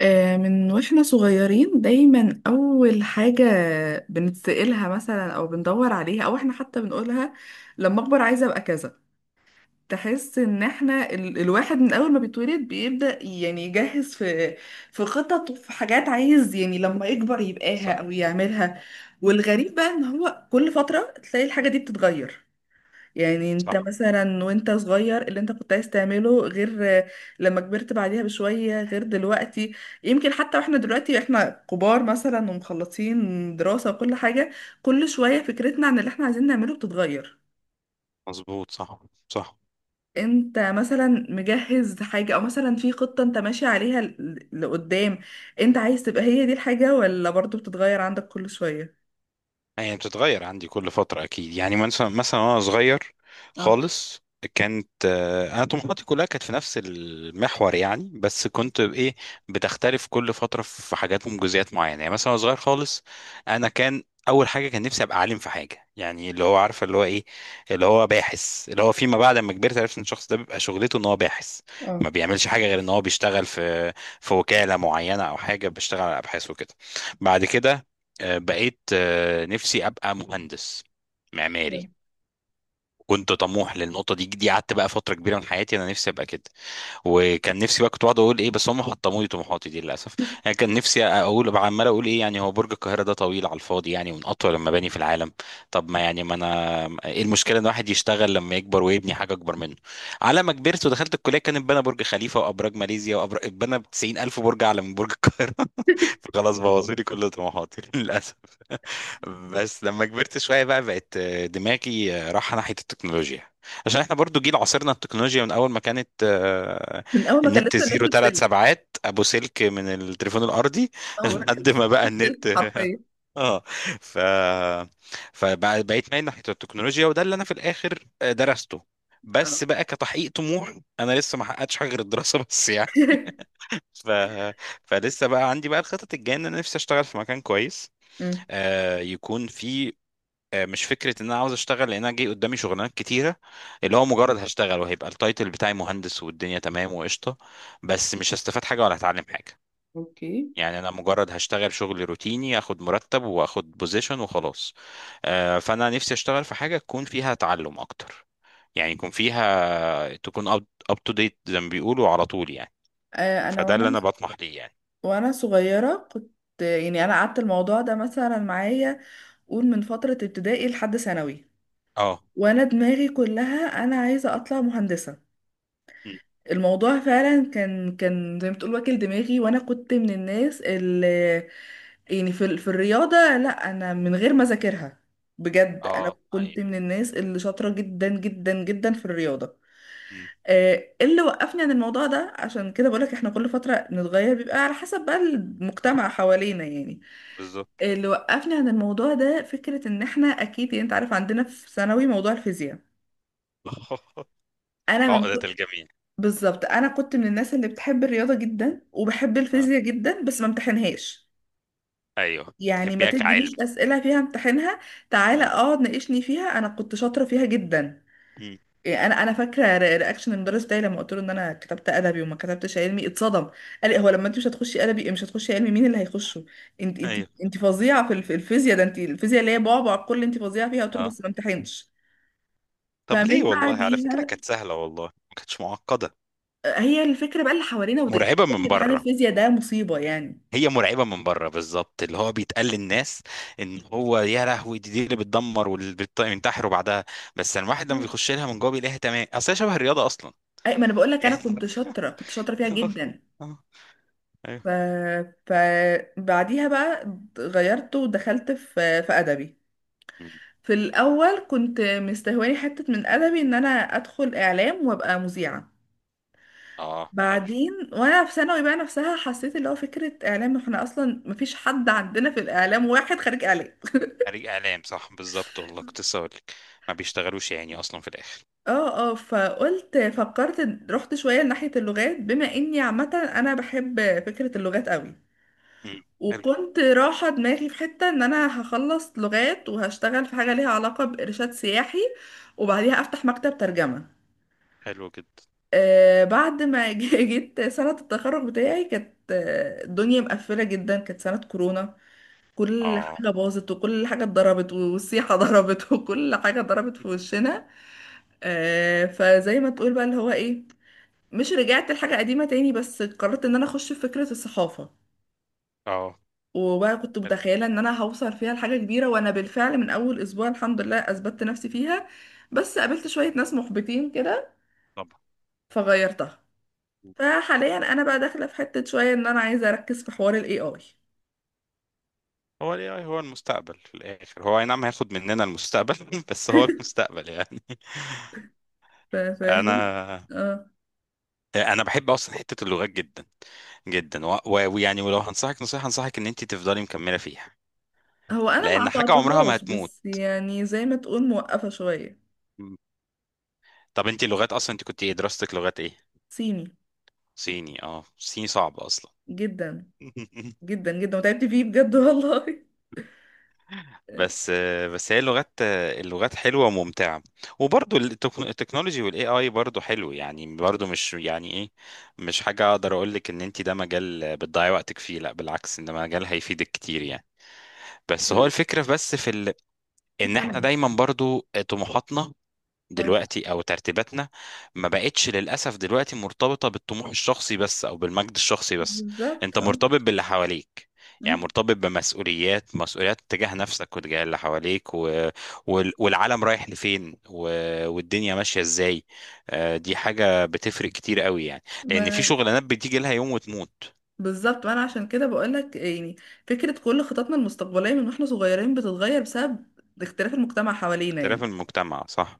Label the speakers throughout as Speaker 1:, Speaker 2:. Speaker 1: من واحنا صغيرين دايما اول حاجة بنتسألها مثلا او بندور عليها او احنا حتى بنقولها لما اكبر عايزة ابقى كذا. تحس ان احنا الواحد من اول ما بيتولد بيبدأ يعني يجهز في خطط وفي حاجات عايز يعني لما يكبر يبقاها
Speaker 2: صح،
Speaker 1: او يعملها. والغريب بقى ان هو كل فترة تلاقي الحاجة دي بتتغير، يعني انت
Speaker 2: صح،
Speaker 1: مثلا وانت صغير اللي انت كنت عايز تعمله غير، لما كبرت بعديها بشوية غير دلوقتي. يمكن حتى واحنا دلوقتي احنا كبار مثلا ومخلصين دراسة وكل حاجة، كل شوية فكرتنا عن اللي احنا عايزين نعمله بتتغير.
Speaker 2: مظبوط، صح، صح.
Speaker 1: انت مثلا مجهز حاجة او مثلا في خطة انت ماشي عليها لقدام، انت عايز تبقى هي دي الحاجة ولا برضو بتتغير عندك كل شوية؟
Speaker 2: يعني بتتغير عندي كل فترة أكيد. يعني مثلا، وأنا صغير
Speaker 1: اه،
Speaker 2: خالص كانت، أنا طموحاتي كلها كانت في نفس المحور يعني. بس كنت بإيه، بتختلف كل فترة في حاجات ومجزئيات معينة. يعني مثلا وأنا صغير خالص أنا كان أول حاجة، كان نفسي أبقى عالم في حاجة. يعني اللي هو عارفة اللي هو إيه، اللي هو باحث. اللي هو فيما بعد لما كبرت عرفت إن الشخص ده بيبقى شغلته إن هو باحث، ما
Speaker 1: اه.
Speaker 2: بيعملش حاجة غير إن هو بيشتغل في وكالة معينة أو حاجة، بيشتغل على أبحاث وكده. بعد كده بقيت نفسي ابقى مهندس معماري. كنت طموح للنقطه دي. دي قعدت بقى فتره كبيره من حياتي انا نفسي ابقى كده. وكان نفسي بقى، كنت بقعد اقول ايه، بس هم حطموا لي طموحاتي دي للاسف. يعني كان نفسي اقول بقى، عمال اقول ايه يعني، هو برج القاهره ده طويل على الفاضي يعني، ومن اطول المباني في العالم. طب ما يعني، ما انا ايه المشكله ان واحد يشتغل لما يكبر ويبني حاجه اكبر منه؟ على ما كبرت ودخلت الكليه كان اتبنى برج خليفه وابراج ماليزيا وابراج اتبنى، ب 90000 برج اعلى من برج القاهره. فخلاص بوظوا لي كل طموحاتي للاسف. بس لما كبرت شوية بقى، بقت دماغي رايحة ناحية التكنولوجيا، عشان احنا برضو جيل عاصرنا التكنولوجيا من اول ما كانت،
Speaker 1: من اول ما كان
Speaker 2: النت
Speaker 1: لسه
Speaker 2: زيرو
Speaker 1: الناس
Speaker 2: ثلاث
Speaker 1: بسلك،
Speaker 2: سبعات ابو سلك من التليفون الارضي
Speaker 1: اول ما كان
Speaker 2: لحد
Speaker 1: لسه
Speaker 2: ما بقى
Speaker 1: الناس بسلك
Speaker 2: النت.
Speaker 1: حرفيا.
Speaker 2: اه. ف فبقيت مايل ناحية التكنولوجيا، وده اللي انا في الاخر درسته،
Speaker 1: اه.
Speaker 2: بس بقى كتحقيق طموح. انا لسه ما حققتش حاجه غير الدراسه بس يعني. ف... فلسه بقى عندي بقى الخطط الجايه، ان انا نفسي اشتغل في مكان كويس
Speaker 1: مم.
Speaker 2: يكون فيه، مش فكره ان انا عاوز اشتغل، لان انا جاي قدامي شغلانات كتيره اللي هو مجرد هشتغل وهيبقى التايتل بتاعي مهندس والدنيا تمام وقشطه، بس مش هستفاد حاجه ولا هتعلم حاجه.
Speaker 1: اوكي.
Speaker 2: يعني انا مجرد هشتغل شغل روتيني، اخد مرتب واخد بوزيشن وخلاص. فانا نفسي اشتغل في حاجه تكون فيها تعلم اكتر. يعني يكون فيها، تكون اب تو ديت زي ما بيقولوا على طول يعني.
Speaker 1: آه، انا
Speaker 2: فده اللي
Speaker 1: وانا
Speaker 2: انا بطمح ليه يعني.
Speaker 1: وانا صغيره كنت، يعني انا قعدت الموضوع ده مثلا معايا، قول من فتره ابتدائي لحد ثانوي،
Speaker 2: اه.
Speaker 1: وانا دماغي كلها انا عايزه اطلع مهندسه.
Speaker 2: مم.
Speaker 1: الموضوع فعلا كان زي ما تقول واكل دماغي، وانا كنت من الناس اللي يعني في الرياضه، لا انا من غير ما اذاكرها بجد انا
Speaker 2: اه، اي.
Speaker 1: كنت من الناس اللي شاطره جدا جدا جدا في الرياضه.
Speaker 2: مم.
Speaker 1: آه، إيه اللي وقفني عن الموضوع ده؟ عشان كده بقولك احنا كل فترة نتغير، بيبقى على حسب بقى
Speaker 2: صح،
Speaker 1: المجتمع حوالينا يعني.
Speaker 2: بالظبط.
Speaker 1: اللي وقفني عن الموضوع ده فكرة ان احنا، اكيد يعني انت عارف عندنا في ثانوي موضوع الفيزياء. انا من
Speaker 2: عقدة
Speaker 1: ك- بالظبط انا كنت من
Speaker 2: الجميع.
Speaker 1: الناس اللي بتحب الرياضة جدا وبحب الفيزياء جدا بس ما امتحنهاش.
Speaker 2: ايوه،
Speaker 1: يعني ما
Speaker 2: تحبيها كعلم.
Speaker 1: تدينيش اسئلة فيها امتحنها، تعالى
Speaker 2: مم.
Speaker 1: اقعد ناقشني فيها انا كنت شاطرة فيها جدا.
Speaker 2: مم.
Speaker 1: إيه، انا فاكره رياكشن المدرس بتاعي لما قلت له ان انا كتبت ادبي وما كتبتش علمي اتصدم. قال لي هو لما انت مش هتخشي ادبي مش هتخشي علمي مين اللي هيخشه؟ انت انت
Speaker 2: ايوه.
Speaker 1: انت فظيعه في الفيزياء، ده انت الفيزياء اللي هي بعبع الكل، انت فظيعه فيها، قلت له
Speaker 2: اه،
Speaker 1: بس ما امتحنش.
Speaker 2: طب ليه؟
Speaker 1: فمن
Speaker 2: والله على فكرة
Speaker 1: بعديها،
Speaker 2: كانت سهلة، والله ما كانتش معقدة.
Speaker 1: هي الفكره بقى اللي حوالينا
Speaker 2: مرعبة من
Speaker 1: امتحان
Speaker 2: بره.
Speaker 1: الفيزياء ده مصيبه يعني.
Speaker 2: هي مرعبة من بره بالظبط، اللي هو بيتقال للناس ان هو يا لهوي، دي اللي بتدمر واللي بينتحروا بعدها. بس لما الواحد لما
Speaker 1: مم.
Speaker 2: بيخش لها من جوه بيلاقيها تمام، اصل هي شبه الرياضة اصلا
Speaker 1: اي ما انا بقول لك انا
Speaker 2: يعني.
Speaker 1: كنت شاطره، كنت شاطره فيها جدا.
Speaker 2: اه.
Speaker 1: ف
Speaker 2: ايوه.
Speaker 1: فبعديها بقى غيرت ودخلت في ادبي.
Speaker 2: مم.
Speaker 1: في الأول كنت مستهواني حتة من أدبي إن أنا أدخل إعلام وأبقى مذيعة.
Speaker 2: اه، حلو.
Speaker 1: بعدين وأنا في ثانوي بقى نفسها حسيت اللي هو فكرة إعلام، إحنا أصلا مفيش حد عندنا في الإعلام واحد خريج إعلام.
Speaker 2: خريج اعلام، صح بالظبط، والله كنت لسه هقول لك ما بيشتغلوش يعني اصلا في الاخر.
Speaker 1: اه، اه. فكرت رحت شوية لناحية اللغات بما إني عامة، أنا بحب فكرة اللغات قوي.
Speaker 2: مم. حلو.
Speaker 1: وكنت رايحة دماغي في حتة إن أنا هخلص لغات وهشتغل في حاجة ليها علاقة بإرشاد سياحي، وبعديها أفتح مكتب ترجمة.
Speaker 2: حلو جدا.
Speaker 1: آه، بعد ما جيت سنة التخرج بتاعي كانت الدنيا مقفلة جدا، كانت سنة كورونا. كل
Speaker 2: اه.
Speaker 1: حاجة باظت وكل حاجة اتضربت والسيحة ضربت وكل حاجة ضربت في وشنا. فزي ما تقول بقى اللي هو ايه، مش رجعت لحاجة قديمة تاني بس قررت ان انا اخش في فكرة الصحافة.
Speaker 2: اه،
Speaker 1: وبقى كنت متخيلة ان انا هوصل فيها لحاجة كبيرة، وانا بالفعل من اول اسبوع الحمد لله اثبتت نفسي فيها. بس قابلت شوية ناس محبطين كده
Speaker 2: طبعا.
Speaker 1: فغيرتها. فحاليا انا بقى داخله في حته شويه ان انا عايزه اركز في حوار الاي اي.
Speaker 2: هو ال AI هو المستقبل في الآخر. هو أي نعم هياخد مننا المستقبل بس هو المستقبل يعني.
Speaker 1: فاهم؟
Speaker 2: أنا
Speaker 1: اه.
Speaker 2: أنا بحب أصلا حتة اللغات جدا جدا، ويعني ولو هنصحك نصيحة، أنصحك إن أنت تفضلي مكملة فيها،
Speaker 1: هو انا ما
Speaker 2: لأن حاجة عمرها ما
Speaker 1: قطعتهاش
Speaker 2: هتموت.
Speaker 1: بس يعني زي ما تقول موقفه شويه.
Speaker 2: طب أنت لغات أصلا، أنت كنت إيه دراستك؟ لغات إيه؟
Speaker 1: صيني.
Speaker 2: صيني. أه صيني صعب أصلا.
Speaker 1: جدا جدا جدا وتعبت فيه بجد والله. آه،
Speaker 2: بس، بس هي اللغات، اللغات حلوه وممتعه، وبرضو التكنولوجي والاي اي برضو حلو يعني. برضو مش يعني ايه، مش حاجه اقدر اقول لك ان انت ده مجال بتضيعي وقتك فيه، لا بالعكس، ان ده مجال هيفيدك كتير يعني. بس هو
Speaker 1: ال-
Speaker 2: الفكره، بس في ال... ان احنا
Speaker 1: كمل.
Speaker 2: دايما برضو طموحاتنا
Speaker 1: اه.
Speaker 2: دلوقتي او ترتيباتنا ما بقتش للاسف دلوقتي مرتبطه بالطموح الشخصي بس، او بالمجد الشخصي بس.
Speaker 1: بالظبط،
Speaker 2: انت
Speaker 1: اه.
Speaker 2: مرتبط باللي حواليك، يعني
Speaker 1: مم.
Speaker 2: مرتبط بمسؤوليات، مسؤوليات تجاه نفسك وتجاه اللي حواليك، و... وال... والعالم رايح لفين، و... والدنيا ماشيه ازاي. دي حاجه بتفرق كتير قوي يعني، لان في
Speaker 1: ما
Speaker 2: شغلانات بتيجي لها يوم وتموت.
Speaker 1: بالظبط، وانا عشان كده بقول لك يعني فكره كل خططنا المستقبليه من واحنا صغيرين بتتغير بسبب اختلاف المجتمع حوالينا
Speaker 2: اختلاف
Speaker 1: يعني.
Speaker 2: المجتمع، صح،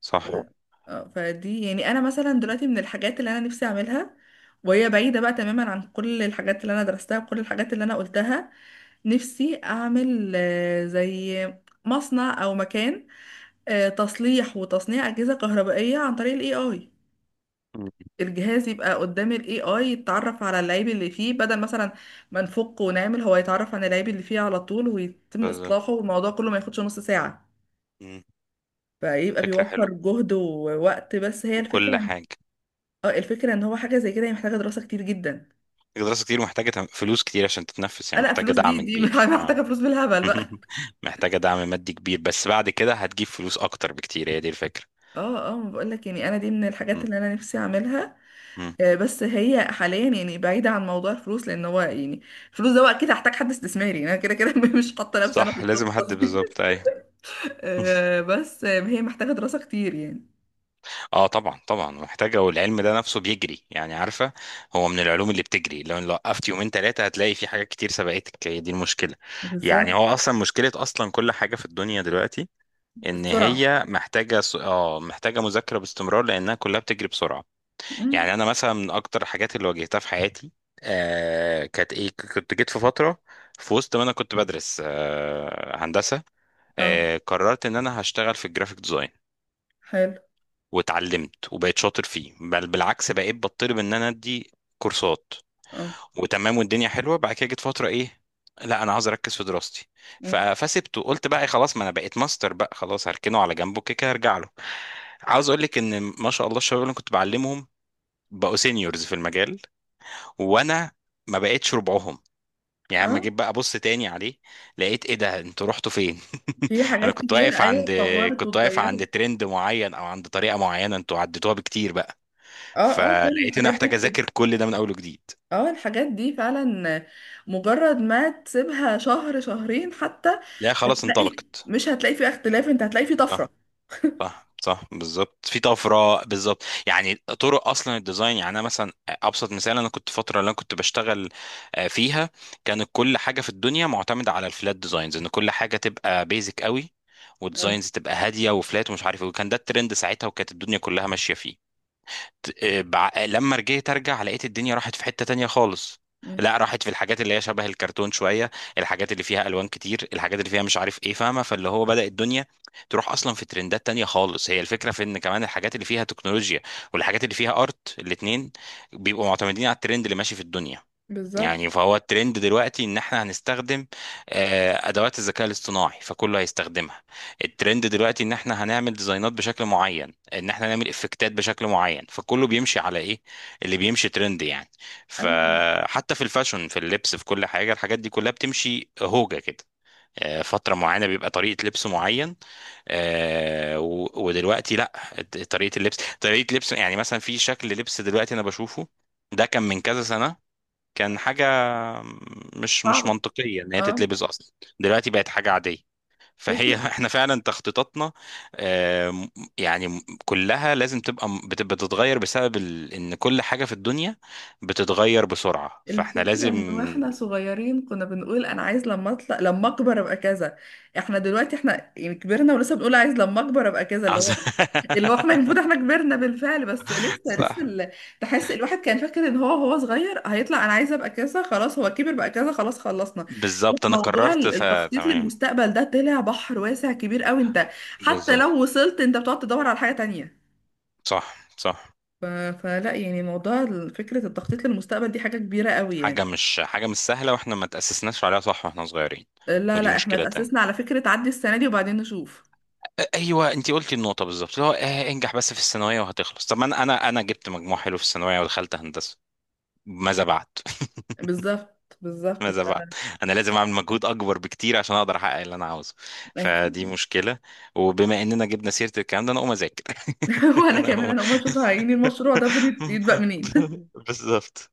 Speaker 2: صح.
Speaker 1: اه، فدي يعني انا مثلا دلوقتي من الحاجات اللي انا نفسي اعملها، وهي بعيدة بقى تماما عن كل الحاجات اللي انا درستها وكل الحاجات اللي انا قلتها. نفسي اعمل زي مصنع او مكان، تصليح وتصنيع اجهزة كهربائية عن طريق الاي اي.
Speaker 2: مم.
Speaker 1: الجهاز يبقى قدام الاي اي يتعرف على العيب اللي فيه، بدل مثلا ما نفك ونعمل، هو يتعرف على العيب اللي فيه على طول ويتم
Speaker 2: بز...
Speaker 1: اصلاحه، والموضوع كله ما ياخدش نص ساعة.
Speaker 2: مم.
Speaker 1: فيبقى
Speaker 2: فكره حلوه،
Speaker 1: بيوفر جهد ووقت، بس هي
Speaker 2: وكل
Speaker 1: الفكرة.
Speaker 2: حاجه.
Speaker 1: اه. الفكرة ان هو حاجة زي كده هي محتاجة دراسة كتير جدا.
Speaker 2: دراسة كتير، محتاجة فلوس كتير عشان تتنفس يعني،
Speaker 1: لا
Speaker 2: محتاجة
Speaker 1: فلوس دي
Speaker 2: دعم
Speaker 1: دي
Speaker 2: كبير. اه.
Speaker 1: محتاجة فلوس بالهبل بقى.
Speaker 2: محتاجة دعم مادي كبير، بس بعد كده هتجيب فلوس أكتر بكتير، هي دي الفكرة.
Speaker 1: اه، اه، ما بقولك يعني انا دي من الحاجات
Speaker 2: مم.
Speaker 1: اللي انا نفسي اعملها.
Speaker 2: مم.
Speaker 1: بس هي حاليا يعني بعيدة عن موضوع الفلوس، لان هو يعني الفلوس ده بقى كده هحتاج حد استثماري، انا كده كده مش حاطة نفسي انا في
Speaker 2: صح، لازم حد،
Speaker 1: الخطة دي.
Speaker 2: بالظبط، أيوه.
Speaker 1: آه، بس آه، هي محتاجة دراسة كتير يعني.
Speaker 2: اه، طبعا طبعا محتاجة. والعلم ده نفسه بيجري يعني، عارفة. هو من العلوم اللي بتجري، لو وقفت يومين 3 هتلاقي في حاجات كتير سبقتك، هي دي المشكلة. يعني هو
Speaker 1: بالظبط.
Speaker 2: أصلا مشكلة أصلا كل حاجة في الدنيا دلوقتي، إن
Speaker 1: السرعة.
Speaker 2: هي محتاجة محتاجة مذاكرة باستمرار، لأنها كلها بتجري بسرعة.
Speaker 1: مم.
Speaker 2: يعني انا مثلا من اكتر الحاجات اللي واجهتها في حياتي، آه كانت ايه، كنت جيت في فتره، في وسط ما انا كنت بدرس آه هندسه،
Speaker 1: اه،
Speaker 2: آه قررت ان انا هشتغل في الجرافيك ديزاين،
Speaker 1: حلو.
Speaker 2: واتعلمت وبقيت شاطر فيه، بل بالعكس بقيت بطلب ان انا ادي كورسات،
Speaker 1: اه.
Speaker 2: وتمام والدنيا حلوه. بعد كده جيت فتره ايه، لا انا عاوز اركز في دراستي، ف-
Speaker 1: مم.
Speaker 2: فسبته، قلت بقى إيه، خلاص ما انا بقيت ماستر بقى، خلاص هركنه على جنبه، كده كده هرجع له. عاوز اقول لك ان ما شاء الله الشباب اللي أنا كنت بعلمهم بقوا سينيورز في المجال، وانا ما بقتش ربعهم. يعني اما
Speaker 1: اه.
Speaker 2: جيت بقى ابص تاني عليه لقيت، ايه ده انتوا رحتوا فين؟
Speaker 1: في
Speaker 2: انا
Speaker 1: حاجات
Speaker 2: كنت
Speaker 1: كتير
Speaker 2: واقف
Speaker 1: ايوه
Speaker 2: عند،
Speaker 1: اتطورت
Speaker 2: كنت واقف
Speaker 1: واتغيرت.
Speaker 2: عند ترند معين او عند طريقه معينه، انتوا عديتوها بكتير بقى.
Speaker 1: اه، اه، كل
Speaker 2: فلقيت ان انا
Speaker 1: الحاجات
Speaker 2: محتاج
Speaker 1: دي.
Speaker 2: اذاكر كل ده من اول وجديد.
Speaker 1: اه. الحاجات دي فعلا مجرد ما تسيبها شهر شهرين حتى،
Speaker 2: لا خلاص
Speaker 1: هتلاقي،
Speaker 2: انطلقت.
Speaker 1: مش هتلاقي فيه اختلاف، انت هتلاقي فيه
Speaker 2: صح.
Speaker 1: طفرة.
Speaker 2: صح، صح بالظبط، في طفره بالظبط. يعني طرق اصلا الديزاين، يعني انا مثلا ابسط مثال، انا كنت فتره اللي انا كنت بشتغل فيها كانت كل حاجه في الدنيا معتمده على الفلات ديزاينز، ان كل حاجه تبقى بيزك قوي،
Speaker 1: اه.
Speaker 2: وديزاينز تبقى هاديه وفلات ومش عارف ايه، وكان ده الترند ساعتها وكانت الدنيا كلها ماشيه فيه. لما رجعت ارجع لقيت الدنيا راحت في حتة تانية خالص.
Speaker 1: مم.
Speaker 2: لا راحت في الحاجات اللي هي شبه الكرتون شوية، الحاجات اللي فيها الوان كتير، الحاجات اللي فيها مش عارف ايه، فاهمة؟ فاللي هو بدأ الدنيا تروح اصلا في ترندات تانية خالص. هي الفكرة في ان كمان الحاجات اللي فيها تكنولوجيا والحاجات اللي فيها ارت، الاتنين بيبقوا معتمدين على الترند اللي ماشي في الدنيا.
Speaker 1: بالظبط.
Speaker 2: يعني فهو الترند دلوقتي ان احنا هنستخدم ادوات الذكاء الاصطناعي، فكله هيستخدمها. الترند دلوقتي ان احنا هنعمل ديزاينات بشكل معين، ان احنا نعمل افكتات بشكل معين، فكله بيمشي على ايه، اللي بيمشي ترند يعني.
Speaker 1: ايوه.
Speaker 2: فحتى في الفاشن، في اللبس، في كل حاجة، الحاجات دي كلها بتمشي هوجة كده. فترة معينة بيبقى طريقة لبس معين، ودلوقتي لا، طريقة اللبس، طريقة لبس، يعني مثلا في شكل لبس دلوقتي انا بشوفه، ده كان من كذا سنة كان حاجة مش
Speaker 1: صعبة.
Speaker 2: منطقية إن هي
Speaker 1: اه.
Speaker 2: تتلبس أصلا، دلوقتي بقت حاجة عادية. فهي
Speaker 1: فكرة.
Speaker 2: احنا فعلا تخطيطاتنا آم، يعني كلها لازم تبقى بتتغير بسبب ال... ان كل حاجة في الدنيا بتتغير بسرعة، فاحنا
Speaker 1: الفكرة
Speaker 2: لازم.
Speaker 1: ان واحنا صغيرين كنا بنقول انا عايز لما اطلع لما اكبر ابقى كذا، احنا دلوقتي احنا يعني كبرنا ولسه بنقول عايز لما اكبر ابقى كذا، اللي هو
Speaker 2: عز-
Speaker 1: إيه؟ اللي هو احنا المفروض احنا كبرنا بالفعل بس لسه لسه
Speaker 2: صح،
Speaker 1: ال... تحس الواحد كان فاكر ان هو صغير هيطلع انا عايزه ابقى كذا خلاص، هو كبر بقى كذا خلاص خلصنا. لا،
Speaker 2: بالظبط، انا
Speaker 1: موضوع
Speaker 2: قررت
Speaker 1: التخطيط
Speaker 2: فتمام.
Speaker 1: للمستقبل ده طلع بحر واسع كبير قوي، انت حتى
Speaker 2: بالظبط،
Speaker 1: لو وصلت انت بتقعد تدور على حاجه تانية.
Speaker 2: صح، صح.
Speaker 1: فلا يعني موضوع فكره التخطيط للمستقبل دي حاجه كبيره قوي يعني.
Speaker 2: حاجة مش سهلة، واحنا ما تأسسناش عليها، صح، واحنا صغيرين.
Speaker 1: لا،
Speaker 2: ودي
Speaker 1: لا احنا
Speaker 2: مشكلة
Speaker 1: اتأسسنا
Speaker 2: تانية.
Speaker 1: على فكره عدي السنه دي وبعدين نشوف.
Speaker 2: ايوه انت قلتي النقطه بالظبط، اللي هو آه انجح بس في الثانويه وهتخلص. طب ما انا جبت مجموع حلو في الثانويه ودخلت هندسه، ماذا بعد؟
Speaker 1: بالظبط، بالظبط. ف...
Speaker 2: ماذا بعد؟ انا لازم اعمل مجهود اكبر بكتير عشان اقدر احقق اللي انا عاوزه، فدي
Speaker 1: أكيد.
Speaker 2: مشكله. وبما اننا جبنا سيره الكلام ده، انا اقوم اذاكر.
Speaker 1: وانا
Speaker 2: انا
Speaker 1: كمان
Speaker 2: اقوم.
Speaker 1: انا اول ما اشوف عيني المشروع ده المفروض يتبقى منين.
Speaker 2: بالظبط.